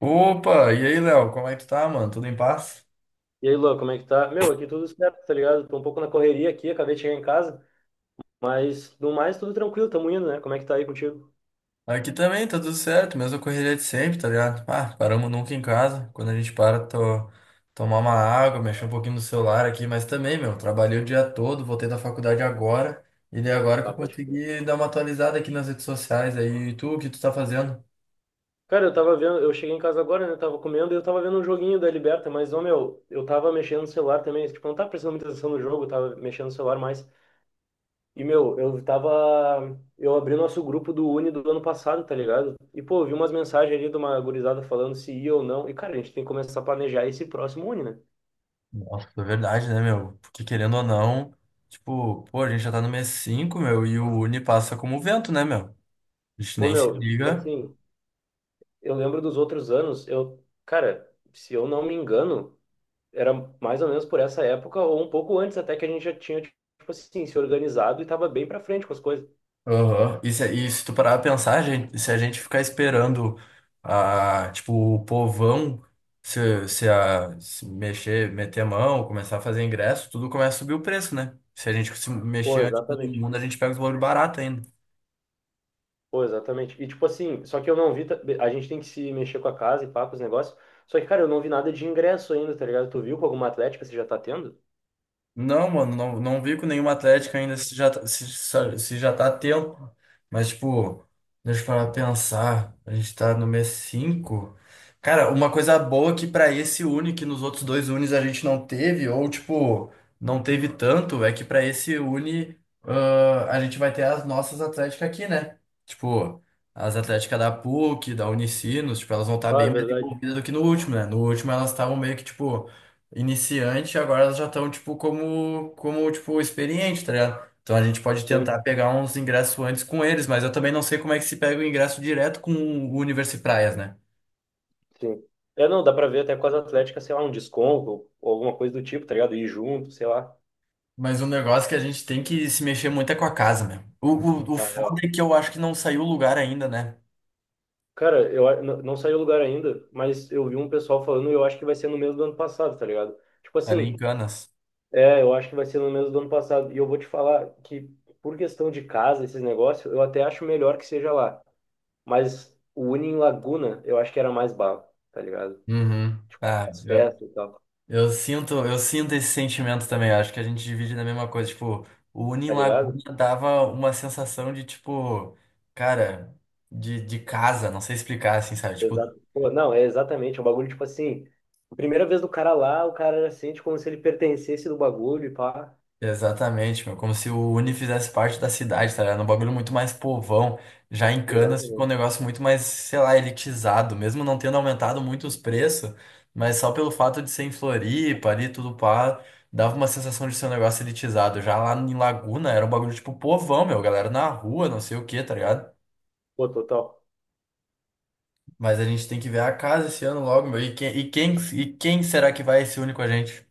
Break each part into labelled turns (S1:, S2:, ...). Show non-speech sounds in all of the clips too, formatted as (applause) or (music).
S1: Opa, e aí, Léo, como é que tu tá, mano? Tudo em paz?
S2: E aí, Luan, como é que tá? Meu, aqui tudo certo, tá ligado? Tô um pouco na correria aqui, acabei de chegar em casa, mas no mais tudo tranquilo, tamo indo, né? Como é que tá aí contigo?
S1: Aqui também, tá tudo certo, mesma correria de sempre, tá ligado? Ah, paramos nunca em casa. Quando a gente para, tô, tomar uma água, mexer um pouquinho no celular aqui, mas também, meu, trabalhei o dia todo, voltei da faculdade agora, e daí agora que
S2: Ah,
S1: eu
S2: pode crer.
S1: consegui dar uma atualizada aqui nas redes sociais aí. E tu, o que tu tá fazendo?
S2: Cara, eu tava vendo, eu cheguei em casa agora, né? Tava comendo e eu tava vendo um joguinho da Liberta, mas, ô, meu, eu tava mexendo no celular também, tipo, não tava prestando muita atenção no jogo, eu tava mexendo no celular mais. E, meu, eu tava. Eu abri nosso grupo do Uni do ano passado, tá ligado? E, pô, eu vi umas mensagens ali de uma gurizada falando se ia ou não. E, cara, a gente tem que começar a planejar esse próximo Uni, né?
S1: Nossa, é verdade, né, meu? Porque querendo ou não, tipo, pô, a gente já tá no mês 5, meu, e o Uni passa como vento, né, meu? A gente
S2: Pô,
S1: nem se
S2: meu, tipo
S1: liga.
S2: assim. Eu lembro dos outros anos, eu, cara, se eu não me engano, era mais ou menos por essa época ou um pouco antes até que a gente já tinha, tipo assim, se organizado e tava bem pra frente com as coisas.
S1: Aham. E se tu parar pra pensar, gente, se a gente ficar esperando a, tipo, o povão se mexer, meter a mão, começar a fazer ingresso, tudo começa a subir o preço, né? Se a gente se
S2: Pô,
S1: mexer antes de todo
S2: exatamente.
S1: mundo, a gente pega os valores baratos ainda.
S2: Pô, exatamente. E tipo assim, só que eu não vi, a gente tem que se mexer com a casa e pá, com os negócios. Só que, cara, eu não vi nada de ingresso ainda, tá ligado? Tu viu com alguma atlética você já tá tendo?
S1: Não, mano, não, não vi com nenhuma atlética ainda se já tá a tempo. Mas, tipo, deixa eu parar pra pensar. A gente tá no mês cinco. Cara, uma coisa boa que pra esse Uni, que nos outros dois Unis a gente não teve, ou, tipo, não teve tanto, é que pra esse Uni, a gente vai ter as nossas atléticas aqui, né? Tipo, as atléticas da PUC, da Unicinos, tipo, elas vão estar
S2: Ah,
S1: bem
S2: é
S1: mais
S2: verdade.
S1: envolvidas do que no último, né? No último elas estavam meio que, tipo iniciante, agora elas já estão, tipo, como, tipo, experiente, tá ligado? Então a gente pode tentar
S2: Sim,
S1: pegar uns ingressos antes com eles, mas eu também não sei como é que se pega o ingresso direto com o Universi Praias, né?
S2: sim. É, não, dá pra ver até com as atléticas, sei lá, um desconto ou alguma coisa do tipo, tá ligado? Ir junto, sei lá.
S1: Mas o negócio que a gente tem que se mexer muito é com a casa, meu. O, o, o
S2: Ah,
S1: foda
S2: é,
S1: é que eu acho que não saiu o lugar ainda, né?
S2: cara, não saiu o lugar ainda, mas eu vi um pessoal falando e eu acho que vai ser no mesmo do ano passado, tá ligado? Tipo
S1: Ali em
S2: assim,
S1: Canas.
S2: é, eu acho que vai ser no mesmo do ano passado. E eu vou te falar que, por questão de casa, esses negócios, eu até acho melhor que seja lá. Mas o Uni em Laguna, eu acho que era mais bala, tá ligado?
S1: Uhum.
S2: Tipo,
S1: Ah,
S2: as
S1: eu.
S2: festas e tal,
S1: Eu sinto esse sentimento também. Acho que a gente divide na mesma coisa. Tipo, o Uni em
S2: tá ligado?
S1: Laguna dava uma sensação de, tipo, cara, de casa, não sei explicar, assim, sabe? Tipo.
S2: Exato. Pô, não, é exatamente, é um bagulho, tipo assim, primeira vez do cara lá, o cara já sente como se ele pertencesse do bagulho e pá.
S1: Exatamente, meu. Como se o Uni fizesse parte da cidade, tá ligado? Um bagulho muito mais povão. Já em Canas ficou um
S2: Exatamente.
S1: negócio muito mais, sei lá, elitizado, mesmo não tendo aumentado muito os preços, mas só pelo fato de ser em Floripa ali, tudo pá, dava uma sensação de ser um negócio elitizado. Já lá em Laguna era um bagulho tipo povão, meu, galera na rua, não sei o que, tá ligado?
S2: Pô, total.
S1: Mas a gente tem que ver a casa esse ano logo, meu. E quem será que vai se unir com a gente?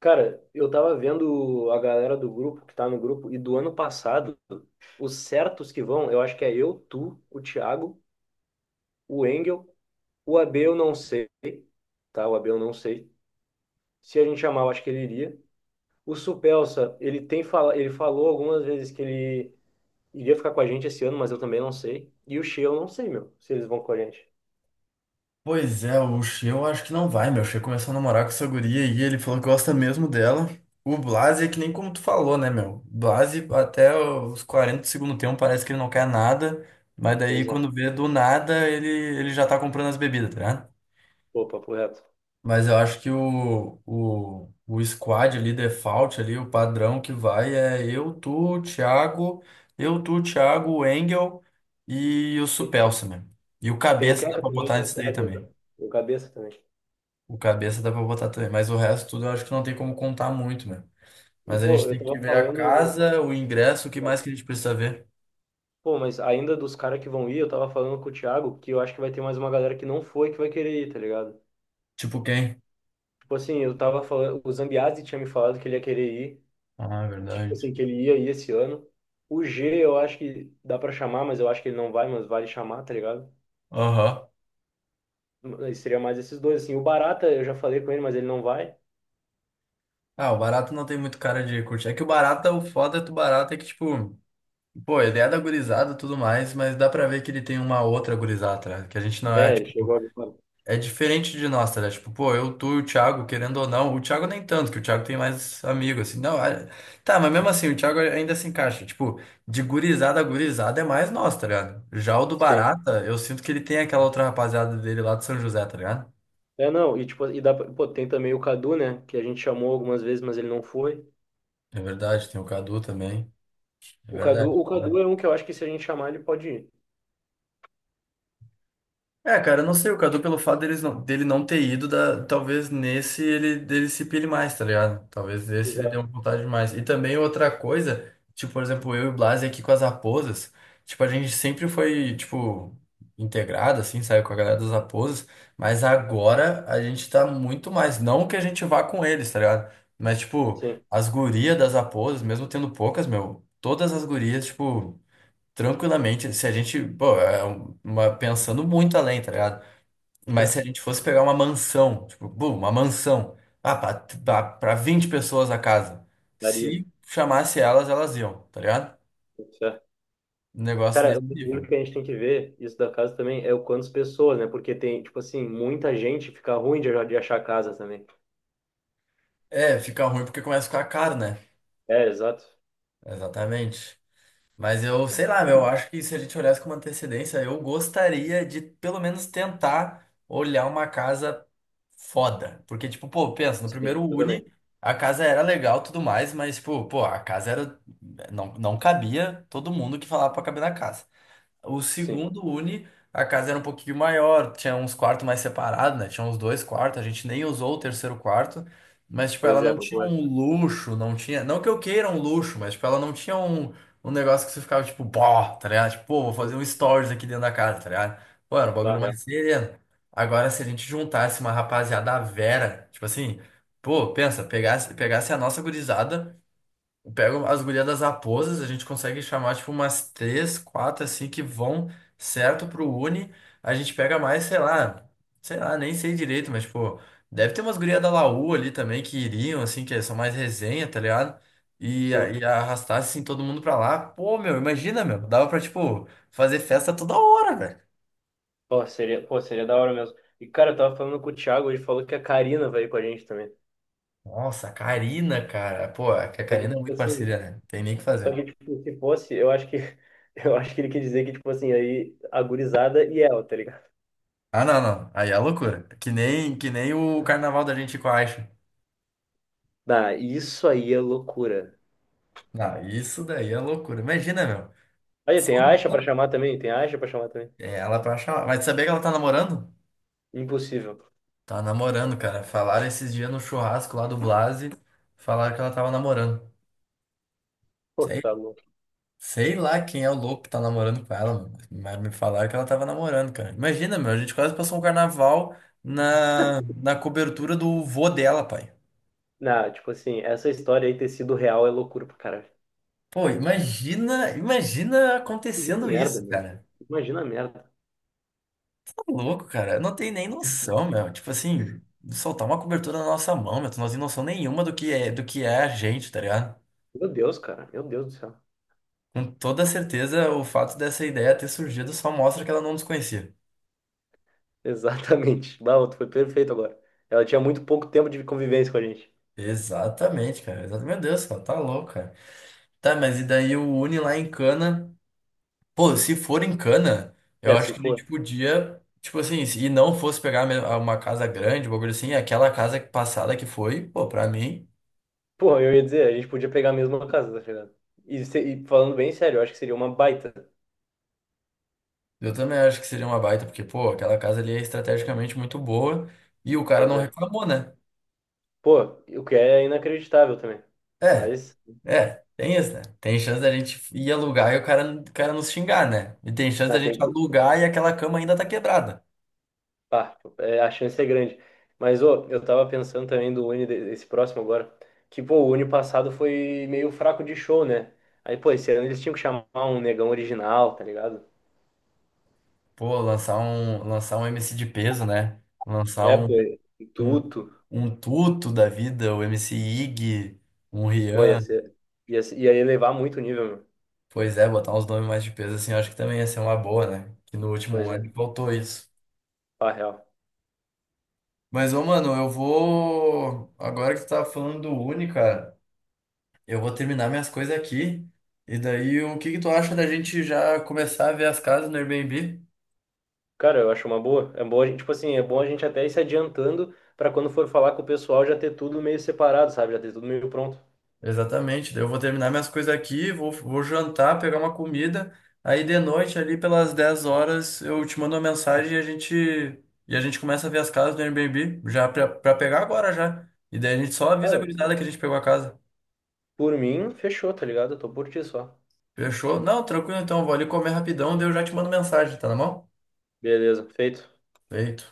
S2: Cara, eu tava vendo a galera do grupo, que tá no grupo, e do ano passado, os certos que vão, eu acho que é eu, tu, o Thiago, o Engel, o AB eu não sei, tá? O AB eu não sei. Se a gente chamar, eu acho que ele iria. O Supelsa, ele falou algumas vezes que ele iria ficar com a gente esse ano, mas eu também não sei. E o Shea eu não sei, meu, se eles vão com a gente.
S1: Pois é, o Xê eu acho que não vai, meu. O Xê começou a namorar com essa guria e ele falou que gosta mesmo dela. O Blase é que nem como tu falou, né, meu? O Blase até os 40 do segundo tempo parece que ele não quer nada, mas daí
S2: Pois é,
S1: quando vê do nada ele já tá comprando as bebidas, tá ligado?
S2: pô, papo reto.
S1: Mas eu acho que o squad ali, default ali, o padrão que vai é eu, tu, Thiago, o Engel e o
S2: Tem
S1: Supelsa, né? E o
S2: tem o
S1: cabeça dá
S2: Keka
S1: pra
S2: também,
S1: botar
S2: né?
S1: nisso daí
S2: É, tem o
S1: também.
S2: tem o Cabeça também.
S1: O cabeça dá pra botar também, mas o resto tudo eu acho que não tem como contar muito, né?
S2: E,
S1: Mas a
S2: pô,
S1: gente
S2: eu
S1: tem que
S2: tava
S1: ver a
S2: falando.
S1: casa, o ingresso, o que mais que a gente precisa ver?
S2: Pô, mas ainda dos caras que vão ir, eu tava falando com o Thiago que eu acho que vai ter mais uma galera que não foi que vai querer ir, tá ligado?
S1: Tipo quem?
S2: Tipo assim, eu tava falando, o Zambiasi tinha me falado que ele ia querer ir,
S1: Ah, é
S2: que tipo
S1: verdade.
S2: assim, que ele ia ir esse ano. O G, eu acho que dá pra chamar, mas eu acho que ele não vai, mas vale chamar, tá ligado?
S1: Aham.
S2: Mas seria mais esses dois, assim. O Barata, eu já falei com ele, mas ele não vai.
S1: Ah, o barato não tem muito cara de curtir. É que o barato, o foda do barato é que, tipo, pô, a ideia da gurizada e tudo mais, mas dá pra ver que ele tem uma outra gurizada, né? Que a gente não é.
S2: É, ele chegou agora.
S1: É diferente de nós, tá ligado? Tipo, pô, eu, tu e o Thiago, querendo ou não, o Thiago nem tanto, que o Thiago tem mais amigo, assim. Não, tá, mas mesmo assim, o Thiago ainda se encaixa. Tipo, de gurizada a gurizada é mais nós, tá ligado? Já o do
S2: Sim.
S1: Barata, eu sinto que ele tem aquela outra rapaziada dele lá de São José, tá ligado?
S2: É, não, e tipo, e dá pra, pô, tem também o Cadu, né, que a gente chamou algumas vezes, mas ele não foi.
S1: É verdade, tem o Cadu também. É verdade.
S2: O Cadu é um que eu acho que se a gente chamar, ele pode ir.
S1: É, cara, eu não sei, o Cadu, pelo fato dele não ter ido, talvez nesse ele dele se pile mais, tá ligado? Talvez nesse ele dê uma
S2: Exato.
S1: vontade mais. E também outra coisa, tipo, por exemplo, eu e o Blasi aqui com as raposas, tipo, a gente sempre foi, tipo, integrado, assim, saiu com a galera das raposas, mas agora a gente tá muito mais, não que a gente vá com eles, tá ligado? Mas, tipo,
S2: Sim.
S1: as gurias das raposas, mesmo tendo poucas, meu, todas as gurias, tipo. Tranquilamente, se a gente, pô, é um, uma, pensando muito além, tá ligado? Mas se a gente fosse pegar uma mansão, tipo, bum, uma mansão, pra 20 pessoas a casa,
S2: Daria,
S1: se chamasse elas, elas iam, tá ligado?
S2: tudo certo.
S1: Um negócio
S2: Cara, o
S1: nesse
S2: bagulho
S1: nível.
S2: que a gente tem que ver, isso da casa também, é o quantas pessoas, né? Porque tem, tipo assim, muita gente fica ruim de achar casa também.
S1: É, fica ruim porque começa a ficar caro, né?
S2: É, exato.
S1: Exatamente. Mas eu, sei lá, meu, eu acho que se a gente olhasse com uma antecedência, eu gostaria de pelo menos tentar olhar uma casa foda. Porque, tipo, pô, pensa, no
S2: Sim,
S1: primeiro
S2: eu
S1: Uni,
S2: também.
S1: a casa era legal e tudo mais, mas, tipo, pô, a casa era. Não, não cabia todo mundo que falava pra caber na casa. O
S2: Sim.
S1: segundo Uni, a casa era um pouquinho maior, tinha uns quartos mais separados, né? Tinha uns dois quartos, a gente nem usou o terceiro quarto, mas, tipo, ela
S2: Pois é,
S1: não tinha
S2: pô, é.
S1: um luxo, não tinha. Não que eu queira um luxo, mas, tipo, ela não tinha um negócio que você ficava, tipo, pó, tá ligado? Tipo, pô, vou fazer um stories aqui dentro da casa, tá ligado? Pô, era um
S2: Bah,
S1: bagulho
S2: real.
S1: mais sereno. Agora, se a gente juntasse uma rapaziada à Vera, tipo assim, pô, pensa, pegasse a nossa gurizada. Pego as gurias das aposas, a gente consegue chamar tipo umas três, quatro assim que vão certo pro Uni. A gente pega mais, sei lá, nem sei direito, mas tipo, deve ter umas gurias da Laú ali também que iriam, assim, que são mais resenha, tá ligado? E, a-
S2: Sim.
S1: e arrastasse assim todo mundo pra lá. Pô, meu, imagina, meu, dava pra tipo fazer festa toda hora, velho.
S2: Pô, seria da hora mesmo. E, cara, eu tava falando com o Thiago, ele falou que a Karina vai ir com a gente também.
S1: Nossa, a Karina, cara. Pô, é que a
S2: Só que,
S1: Karina é
S2: tipo
S1: muito parceira,
S2: assim,
S1: né? Tem nem o que
S2: só
S1: fazer.
S2: que, tipo, se fosse, eu acho que, (laughs) eu acho que ele quer dizer que, tipo assim, aí, a gurizada e ela, tá ligado?
S1: Ah, não, não. Aí é loucura. Que nem o carnaval da gente com a Aixa.
S2: Ah, isso aí é loucura.
S1: Não, isso daí é loucura. Imagina, meu.
S2: Aí
S1: Só
S2: tem Aisha pra
S1: no-
S2: chamar também, tem Aisha pra chamar também.
S1: É, ela pra chamar. Mas sabia que ela tá namorando?
S2: Impossível.
S1: Tá namorando, cara. Falaram esses dias no churrasco lá do Blase. Falaram que ela tava namorando.
S2: Pô,
S1: Sei,
S2: tá louco.
S1: sei lá quem é o louco que tá namorando com ela, meu, mas me falaram que ela tava namorando, cara. Imagina, meu. A gente quase passou um carnaval na cobertura do vô dela, pai.
S2: Não, tipo assim, essa história aí ter sido real é loucura pro cara.
S1: Pô, imagina
S2: Imagina a
S1: acontecendo
S2: merda,
S1: isso,
S2: meu.
S1: cara.
S2: Imagina a merda.
S1: Que louco, cara. Eu não tenho nem noção, meu. Tipo assim, soltar uma cobertura na nossa mão, meu. Tu não tem noção nenhuma do que é a gente, tá ligado?
S2: Meu Deus, cara. Meu Deus do céu. (laughs)
S1: Com toda certeza, o fato dessa ideia ter surgido só mostra que ela não nos conhecia.
S2: Exatamente. Bah, tu foi perfeito agora. Ela tinha muito pouco tempo de convivência com a gente.
S1: Exatamente, cara. Exatamente. Meu Deus, cara, tá louco, cara. Tá, mas e daí o Uni lá em Cana? Pô, se for em Cana, eu
S2: É,
S1: acho
S2: se
S1: que a gente
S2: for.
S1: podia, tipo assim, se não fosse pegar uma casa grande, um bagulho assim, aquela casa passada que foi, pô, pra mim.
S2: Pô, eu ia dizer, a gente podia pegar a mesma casa, tá chegando. E, e falando bem sério, eu acho que seria uma baita.
S1: Eu também acho que seria uma baita, porque, pô, aquela casa ali é estrategicamente muito boa e o cara
S2: Pois
S1: não
S2: é.
S1: reclamou, né?
S2: Pô, o que é inacreditável também.
S1: É,
S2: Mas,
S1: é, tem isso, né? Tem chance da gente ir alugar e o cara nos xingar, né? E tem chance da
S2: né,
S1: gente alugar e aquela cama ainda tá quebrada.
S2: pá, é, a chance é grande. Mas, ô, eu tava pensando também do Uni, esse próximo agora, que, pô, o Uni passado foi meio fraco de show, né? Aí, pô, esse ano eles tinham que chamar um negão original, tá ligado?
S1: Pô, lançar um MC de peso, né? Lançar
S2: É, pô,
S1: um,
S2: tudo.
S1: um Tuto da vida, o MC Ig, um
S2: Pô, ia
S1: Rian.
S2: ser, ia elevar muito o nível, meu.
S1: Pois é, botar uns nomes mais de peso assim, eu acho que também ia ser uma boa, né? Que no último
S2: Pois
S1: ano
S2: é,
S1: faltou isso.
S2: pá, real.
S1: Mas, ô, mano, eu vou. Agora que tu tá falando do Uni, cara, eu vou terminar minhas coisas aqui. E daí, o que que tu acha da gente já começar a ver as casas no Airbnb?
S2: Cara, eu acho uma boa. É bom a gente, tipo assim, é bom a gente até ir se adiantando pra quando for falar com o pessoal já ter tudo meio separado, sabe? Já ter tudo meio pronto.
S1: Exatamente. Daí eu vou terminar minhas coisas aqui, vou jantar, pegar uma comida. Aí de noite, ali pelas 10 horas, eu te mando uma mensagem e a gente começa a ver as casas no Airbnb, já pra pegar agora já. E daí a gente só avisa a
S2: Cara,
S1: gurizada que a gente pegou a casa.
S2: por mim, fechou, tá ligado? Eu tô por ti só.
S1: Fechou? Não, tranquilo então, eu vou ali comer rapidão, daí eu já te mando mensagem, tá na mão?
S2: Beleza, feito.
S1: Feito.